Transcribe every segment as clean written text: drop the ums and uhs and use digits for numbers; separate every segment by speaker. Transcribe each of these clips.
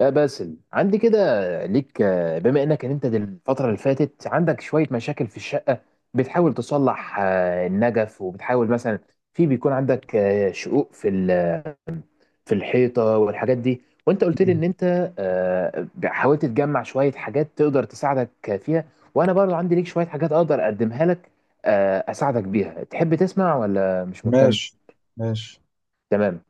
Speaker 1: يا باسل عندي كده ليك. بما انك إن انت دل- الفترة اللي فاتت عندك شوية مشاكل في الشقة، بتحاول تصلح النجف، وبتحاول مثلا في بيكون عندك شقوق في في الحيطة والحاجات دي. وانت قلت لي
Speaker 2: مم.
Speaker 1: ان انت حاولت تجمع شوية حاجات تقدر تساعدك فيها، وانا برضو عندي ليك شوية حاجات اقدر اقدمها لك، اساعدك بيها. تحب تسمع ولا مش مهتم؟
Speaker 2: ماشي ماشي.
Speaker 1: تمام.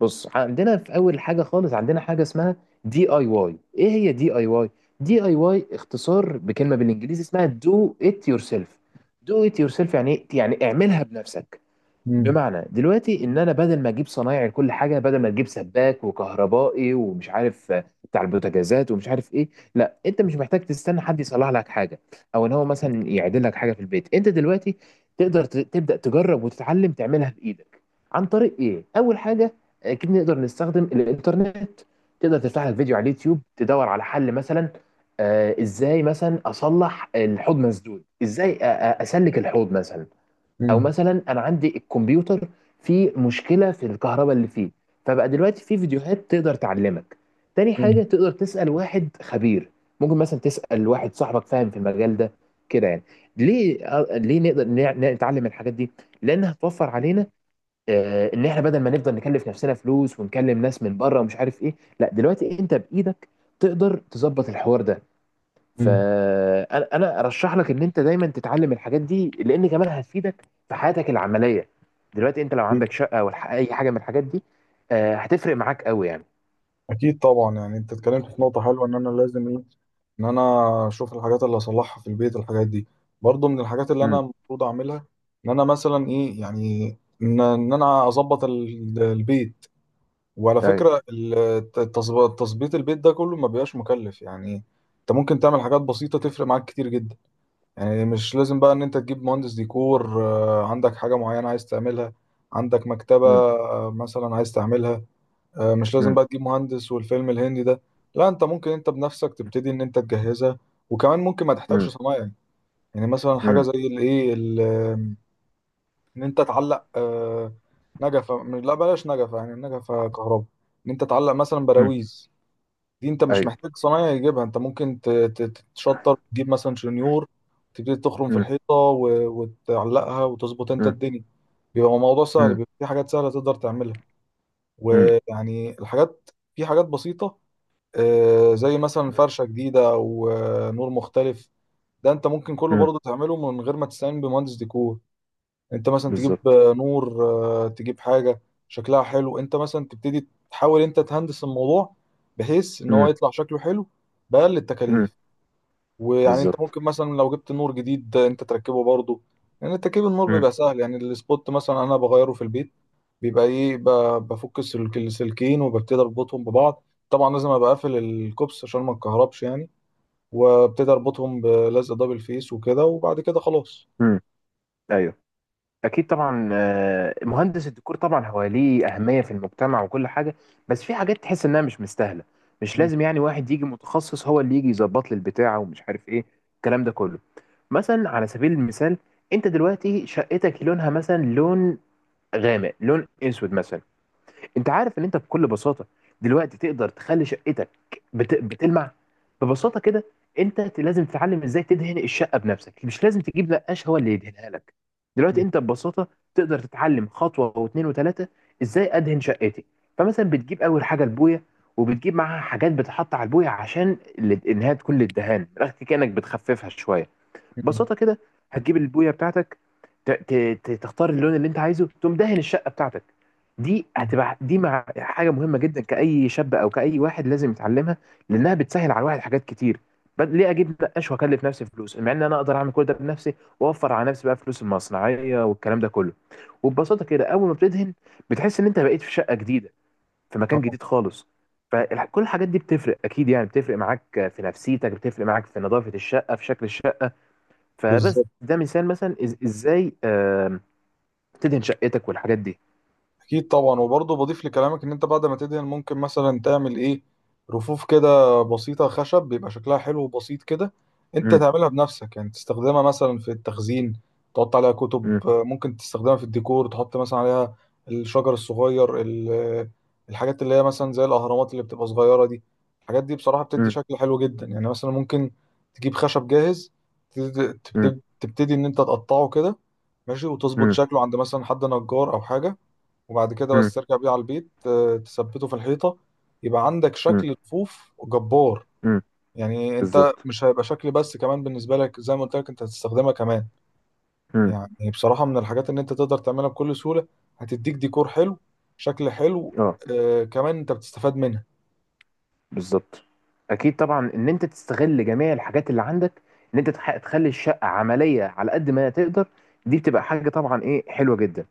Speaker 1: بص، عندنا في اول حاجه خالص عندنا حاجه اسمها دي اي واي. ايه هي دي اي واي؟ دي اي واي اختصار بكلمه بالانجليزي اسمها دو ات يور سيلف. دو ات يور سيلف يعني إيه؟ يعني اعملها بنفسك.
Speaker 2: مم.
Speaker 1: بمعنى دلوقتي ان انا بدل ما اجيب صنايعي لكل حاجه، بدل ما تجيب سباك وكهربائي ومش عارف بتاع البوتاجازات ومش عارف ايه، لا، انت مش محتاج تستنى حد يصلح لك حاجه او ان هو مثلا يعدل لك حاجه في البيت. انت دلوقتي تقدر تبدا تجرب وتتعلم تعملها بايدك. عن طريق ايه؟ اول حاجه، اكيد نقدر نستخدم الانترنت، تقدر تفتح لك فيديو على اليوتيوب تدور على حل. مثلا ازاي مثلا اصلح الحوض مسدود، ازاي اسلك الحوض مثلا. او
Speaker 2: مم.
Speaker 1: مثلا انا عندي الكمبيوتر فيه مشكله في الكهرباء اللي فيه، فبقى دلوقتي في فيديوهات تقدر تعلمك. تاني
Speaker 2: مم.
Speaker 1: حاجه، تقدر تسال واحد خبير، ممكن مثلا تسال واحد صاحبك فاهم في المجال ده كده يعني. ليه ليه نقدر نتعلم الحاجات دي؟ لانها هتوفر علينا، ان احنا بدل ما نفضل نكلف نفسنا فلوس ونكلم ناس من بره ومش عارف ايه، لا، دلوقتي انت بايدك تقدر تظبط الحوار ده.
Speaker 2: مم.
Speaker 1: فانا ارشح لك ان انت دايما تتعلم الحاجات دي، لان كمان هتفيدك في حياتك العمليه. دلوقتي انت لو
Speaker 2: أكيد.
Speaker 1: عندك شقه او اي حاجه من الحاجات دي، هتفرق معاك قوي يعني.
Speaker 2: أكيد طبعا، يعني أنت اتكلمت في نقطة حلوة، إن أنا أشوف الحاجات اللي أصلحها في البيت. الحاجات دي برضو من الحاجات اللي أنا
Speaker 1: امم
Speaker 2: المفروض أعملها. إن أنا مثلا إيه يعني، إن أنا أظبط البيت. وعلى
Speaker 1: ايوه.
Speaker 2: فكرة تظبيط البيت ده كله ما بيبقاش مكلف يعني. أنت ممكن تعمل حاجات بسيطة تفرق معاك كتير جدا. يعني مش لازم بقى ان انت تجيب مهندس ديكور، عندك حاجة معينة عايز تعملها، عندك مكتبة،
Speaker 1: امم
Speaker 2: مثلا عايز تعملها. مش لازم
Speaker 1: امم
Speaker 2: بقى تجيب مهندس والفيلم الهندي ده. لا، انت ممكن انت بنفسك تبتدي ان انت تجهزها، وكمان ممكن ما تحتاجش
Speaker 1: امم
Speaker 2: صنايعي. يعني مثلا حاجة
Speaker 1: امم
Speaker 2: زي ان انت تعلق، نجفة. لا بلاش نجفة، يعني النجفة كهرباء. ان انت تعلق مثلا
Speaker 1: أمم.
Speaker 2: براويز، دي انت مش
Speaker 1: ايوه.
Speaker 2: محتاج صنايعي يجيبها، انت ممكن تتشطر تجيب مثلا شنيور، تبتدي تخرم في
Speaker 1: امم
Speaker 2: الحيطه وتعلقها وتظبط انت
Speaker 1: امم
Speaker 2: الدنيا. بيبقى الموضوع سهل،
Speaker 1: امم
Speaker 2: بيبقى في حاجات سهله تقدر تعملها.
Speaker 1: أمم.
Speaker 2: ويعني الحاجات، في حاجات بسيطه، زي مثلا فرشه جديده او نور مختلف. ده انت ممكن كله
Speaker 1: امم
Speaker 2: برضه تعمله من غير ما تستعين بمهندس ديكور. انت مثلا تجيب،
Speaker 1: بالظبط.
Speaker 2: نور، تجيب حاجه شكلها حلو، انت مثلا تبتدي تحاول انت تهندس الموضوع بحيث ان هو
Speaker 1: امم
Speaker 2: يطلع شكله حلو بأقل
Speaker 1: امم
Speaker 2: التكاليف. ويعني انت
Speaker 1: بالظبط.
Speaker 2: ممكن مثلا لو جبت نور جديد، انت تركبه برضه. يعني تركيب النور
Speaker 1: امم
Speaker 2: بيبقى سهل. يعني السبوت مثلا انا بغيره في البيت، بيبقى ايه، بفك السلكين وببتدي اربطهم ببعض. طبعا لازم ابقى قافل الكوبس عشان ما اتكهربش يعني، وابتدي اربطهم بلزق دبل فيس وكده، وبعد كده خلاص.
Speaker 1: امم ايوه. اكيد طبعا، مهندس الديكور طبعا هو ليه اهميه في المجتمع وكل حاجه، بس في حاجات تحس انها مش مستاهله. مش
Speaker 2: م-
Speaker 1: لازم يعني واحد يجي متخصص هو اللي يجي يظبط لي البتاعه ومش عارف ايه الكلام ده كله. مثلا على سبيل المثال، انت دلوقتي شقتك لونها مثلا لون غامق، لون اسود مثلا. انت عارف ان انت بكل بساطه دلوقتي تقدر تخلي شقتك بتلمع ببساطه كده. انت لازم تتعلم ازاي تدهن الشقه بنفسك، مش لازم تجيب نقاش هو اللي يدهنها لك.
Speaker 2: م-
Speaker 1: دلوقتي انت ببساطه تقدر تتعلم خطوه واثنين وثلاثه ازاي ادهن شقتي. فمثلا بتجيب اول حاجه البويه، وبتجيب معاها حاجات بتحط على البويه عشان انها تكون للدهان من الاخر كانك بتخففها شويه.
Speaker 2: م-
Speaker 1: ببساطه كده هتجيب البويه بتاعتك، تختار اللون اللي انت عايزه، تقوم دهن الشقه بتاعتك. دي
Speaker 2: م.
Speaker 1: هتبقى دي مع حاجه مهمه جدا كاي شاب او كاي واحد لازم يتعلمها، لانها بتسهل على الواحد حاجات كتير. ليه اجيب نقاش واكلف نفسي فلوس مع ان انا اقدر اعمل كل ده بنفسي واوفر على نفسي بقى فلوس المصنعيه والكلام ده كله؟ وببساطه كده، اول ما بتدهن بتحس ان انت بقيت في شقه جديده، في مكان
Speaker 2: اه.
Speaker 1: جديد خالص. فكل الحاجات دي بتفرق اكيد يعني، بتفرق معاك في نفسيتك، بتفرق معاك في نظافه الشقه، في شكل الشقه. فبس
Speaker 2: بالظبط.
Speaker 1: ده مثال مثلا، ازاي تدهن شقتك والحاجات دي.
Speaker 2: اكيد طبعا، وبرضه بضيف لكلامك ان انت بعد ما تدهن ممكن مثلا تعمل ايه، رفوف كده بسيطه خشب بيبقى شكلها حلو وبسيط كده. انت
Speaker 1: مم،
Speaker 2: تعملها بنفسك، يعني تستخدمها مثلا في التخزين، تحط عليها كتب،
Speaker 1: مم،
Speaker 2: ممكن تستخدمها في الديكور، تحط مثلا عليها الشجر الصغير الحاجات اللي هي مثلا زي الاهرامات اللي بتبقى صغيره دي. الحاجات دي بصراحه بتدي
Speaker 1: مم،
Speaker 2: شكل حلو جدا. يعني مثلا ممكن تجيب خشب جاهز،
Speaker 1: مم،
Speaker 2: تبتدي ان انت تقطعه كده، ماشي، وتظبط
Speaker 1: مم،
Speaker 2: شكله عند مثلا حد نجار او حاجه، وبعد كده بس ترجع بيه على البيت، تثبته في الحيطة، يبقى عندك
Speaker 1: مم،
Speaker 2: شكل رفوف جبار.
Speaker 1: مم،
Speaker 2: يعني انت
Speaker 1: بالظبط.
Speaker 2: مش هيبقى شكل بس، كمان بالنسبة لك زي ما قلت لك انت هتستخدمها كمان.
Speaker 1: مم،
Speaker 2: يعني بصراحة من الحاجات ان انت تقدر تعملها بكل سهولة، هتديك ديكور حلو، شكل حلو،
Speaker 1: اه.
Speaker 2: كمان انت بتستفاد منها.
Speaker 1: بالظبط. اكيد طبعا، ان انت تستغل جميع الحاجات اللي عندك، ان انت تخلي الشقه عمليه على قد ما تقدر. دي بتبقى حاجه طبعا ايه حلوه جدا.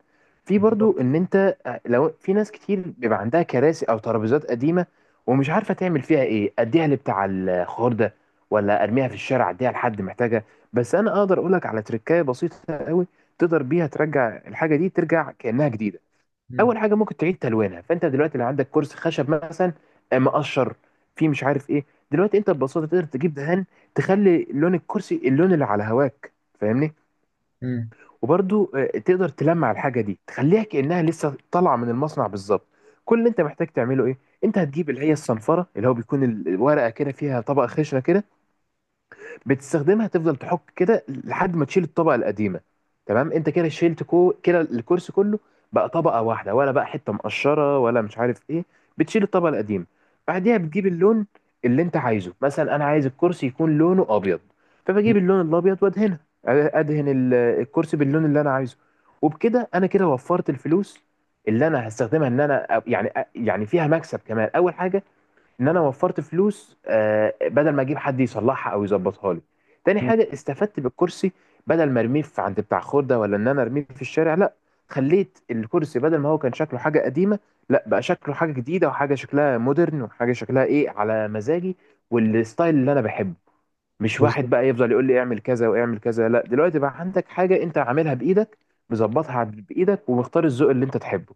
Speaker 1: في
Speaker 2: بالظبط.
Speaker 1: برضو ان انت لو في ناس كتير بيبقى عندها كراسي او ترابيزات قديمه ومش عارفه تعمل فيها ايه. اديها لبتاع الخضار ده، ولا ارميها في الشارع، اديها لحد محتاجها. بس انا اقدر اقولك على تركايه بسيطه قوي تقدر بيها ترجع الحاجه دي ترجع كانها جديده.
Speaker 2: مم.
Speaker 1: اول حاجه ممكن تعيد تلوينها. فانت دلوقتي لو عندك كرسي خشب مثلا مقشر فيه مش عارف ايه، دلوقتي انت ببساطه تقدر تجيب دهان، تخلي لون الكرسي اللون اللي على هواك، فاهمني؟
Speaker 2: مم.
Speaker 1: وبرضو تقدر تلمع الحاجه دي، تخليها كانها لسه طالعه من المصنع بالظبط. كل اللي انت محتاج تعمله ايه؟ انت هتجيب اللي هي الصنفره، اللي هو بيكون الورقه كده فيها طبقه خشنه كده، بتستخدمها تفضل تحك كده لحد ما تشيل الطبقه القديمه. تمام، انت كده شيلت كو كده الكرسي كله، بقى طبقه واحده، ولا بقى حته مقشره ولا مش عارف ايه. بتشيل الطبقه القديمه، بعديها بتجيب اللون اللي انت عايزه. مثلا انا عايز الكرسي يكون لونه ابيض،
Speaker 2: مم.
Speaker 1: فبجيب اللون الابيض وادهنها، ادهن الكرسي باللون اللي انا عايزه. وبكده انا كده وفرت الفلوس اللي انا هستخدمها، ان انا يعني فيها مكسب كمان. اول حاجه ان انا وفرت فلوس، بدل ما اجيب حد يصلحها او يظبطها لي. تاني
Speaker 2: مم.
Speaker 1: حاجه استفدت بالكرسي، بدل ما ارميه في عند بتاع خردة ولا ان انا ارميه في الشارع، لا، خليت الكرسي بدل ما هو كان شكله حاجه قديمه، لا، بقى شكله حاجه جديده، وحاجه شكلها مودرن، وحاجه شكلها ايه على مزاجي والستايل اللي انا بحبه. مش واحد
Speaker 2: بالظبط.
Speaker 1: بقى يفضل يقول لي اعمل كذا واعمل كذا، لا، دلوقتي بقى عندك حاجه انت عاملها بايدك، مظبطها بايدك، ومختار الذوق اللي انت تحبه.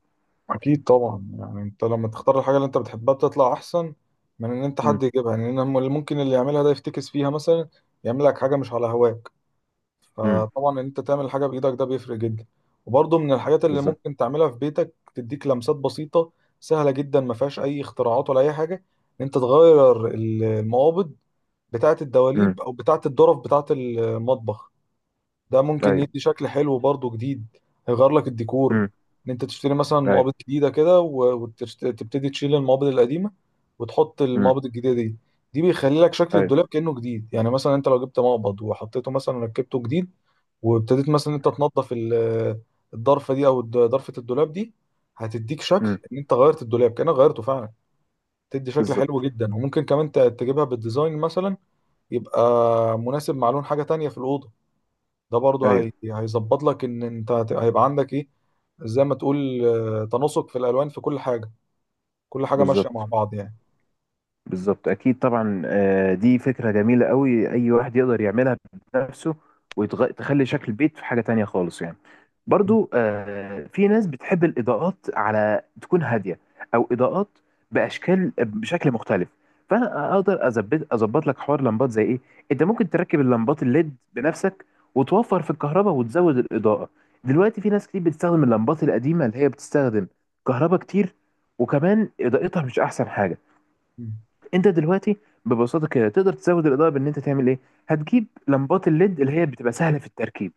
Speaker 2: اكيد طبعا، يعني انت لما تختار الحاجة اللي انت بتحبها بتطلع احسن من ان انت
Speaker 1: امم
Speaker 2: حد يجيبها. يعني إن اللي ممكن اللي يعملها ده يفتكس فيها مثلا، يعمل لك حاجة مش على هواه.
Speaker 1: امم
Speaker 2: فطبعا ان انت تعمل حاجه بايدك ده بيفرق جدا. وبرضه من الحاجات اللي
Speaker 1: بالظبط.
Speaker 2: ممكن تعملها في بيتك تديك لمسات بسيطه، سهله جدا، ما فيهاش اي اختراعات ولا اي حاجه، ان انت تغير المقابض بتاعه
Speaker 1: امم
Speaker 2: الدواليب او بتاعه الظرف بتاعه المطبخ. ده ممكن
Speaker 1: ايوه.
Speaker 2: يدي شكل حلو برضو جديد، هيغير لك الديكور.
Speaker 1: امم
Speaker 2: ان انت تشتري مثلا
Speaker 1: ايوه.
Speaker 2: مقابض جديدة كده وتبتدي تشيل المقابض القديمة وتحط
Speaker 1: امم
Speaker 2: المقابض الجديدة دي، دي بيخلي لك شكل
Speaker 1: ايوه.
Speaker 2: الدولاب كأنه جديد. يعني مثلا انت لو جبت مقبض وحطيته مثلا ركبته جديد، وابتديت مثلا انت تنظف الضرفة دي او ضرفة الدولاب دي، هتديك
Speaker 1: إمم،
Speaker 2: شكل ان انت غيرت الدولاب كأنك غيرته فعلا. تدي شكل حلو
Speaker 1: بالضبط،
Speaker 2: جدا. وممكن كمان تجيبها بالديزاين مثلا، يبقى مناسب مع لون حاجة تانية في الأوضة. ده برضه
Speaker 1: أيوه،
Speaker 2: هيظبط لك ان انت هيبقى عندك ايه، زي ما تقول، تناسق في الالوان في كل حاجه، كل حاجه ماشيه مع
Speaker 1: بالضبط.
Speaker 2: بعض يعني.
Speaker 1: بالظبط. اكيد طبعا، دي فكره جميله قوي اي واحد يقدر يعملها بنفسه، وتخلي شكل البيت في حاجه تانية خالص يعني.
Speaker 2: مم.
Speaker 1: برضو في ناس بتحب الاضاءات على تكون هاديه، او اضاءات باشكال بشكل مختلف. فانا اقدر اظبط لك حوار لمبات زي ايه. انت ممكن تركب اللمبات الليد بنفسك وتوفر في الكهرباء وتزود الاضاءه. دلوقتي في ناس كتير بتستخدم اللمبات القديمه اللي هي بتستخدم كهرباء كتير، وكمان اضاءتها مش احسن حاجه.
Speaker 2: مم.
Speaker 1: انت دلوقتي ببساطه كده تقدر تزود الاضاءه بان انت تعمل ايه. هتجيب لمبات الليد اللي هي بتبقى سهله في التركيب.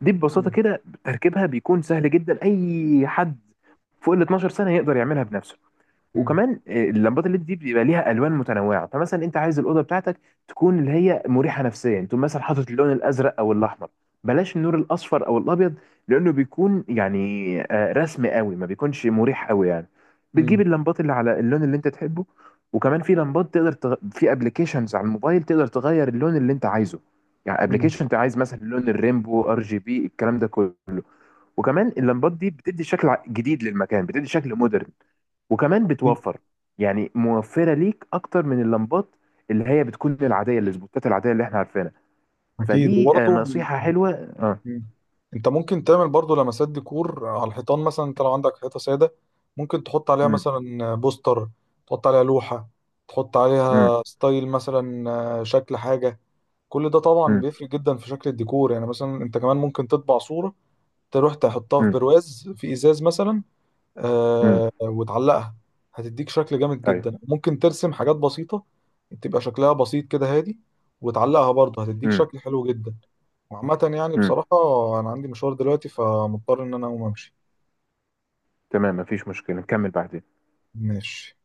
Speaker 1: دي ببساطه
Speaker 2: مم.
Speaker 1: كده تركيبها بيكون سهل جدا، اي حد فوق ال 12 سنه يقدر يعملها بنفسه.
Speaker 2: مم.
Speaker 1: وكمان اللمبات الليد دي بيبقى ليها الوان متنوعه، فمثلا انت عايز الاوضه بتاعتك تكون اللي هي مريحه نفسيا، تقوم مثلا حاطط اللون الازرق او الاحمر، بلاش النور الاصفر او الابيض، لانه بيكون يعني رسمي قوي، ما بيكونش مريح قوي يعني. بتجيب
Speaker 2: مم.
Speaker 1: اللمبات اللي على اللون اللي انت تحبه. وكمان في لمبات تقدر في ابلكيشنز على الموبايل تقدر تغير اللون اللي انت عايزه، يعني
Speaker 2: مم.
Speaker 1: ابلكيشن انت عايز مثلا لون الريمبو ار جي بي الكلام ده كله. وكمان اللمبات دي بتدي شكل جديد للمكان، بتدي شكل مودرن، وكمان
Speaker 2: اكيد.
Speaker 1: بتوفر، يعني موفرة ليك أكتر من اللمبات اللي هي بتكون العادية، السبوتات العادية اللي احنا عارفينها.
Speaker 2: أكيد.
Speaker 1: فدي
Speaker 2: وبرضه،
Speaker 1: نصيحة حلوة. اه.
Speaker 2: مم، انت ممكن تعمل برضه لمسات ديكور على الحيطان. مثلا انت لو عندك حيطه ساده، ممكن تحط عليها
Speaker 1: امم
Speaker 2: مثلا بوستر، تحط عليها لوحه، تحط
Speaker 1: امم
Speaker 2: عليها ستايل مثلا، شكل حاجه. كل ده طبعا بيفرق جدا في شكل الديكور. يعني مثلا انت كمان ممكن تطبع صوره، تروح تحطها في
Speaker 1: امم
Speaker 2: برواز في ازاز مثلا،
Speaker 1: امم
Speaker 2: وتعلقها، هتديك شكل جامد
Speaker 1: ايوه.
Speaker 2: جدا. ممكن ترسم حاجات بسيطة تبقى شكلها بسيط كده هادي، وتعلقها برضه هتديك
Speaker 1: امم
Speaker 2: شكل حلو جدا. وعامة يعني
Speaker 1: امم
Speaker 2: بصراحة، أنا عندي مشوار دلوقتي فمضطر إن أنا أقوم أمشي.
Speaker 1: تمام، مفيش مشكلة، نكمل بعدين.
Speaker 2: ماشي.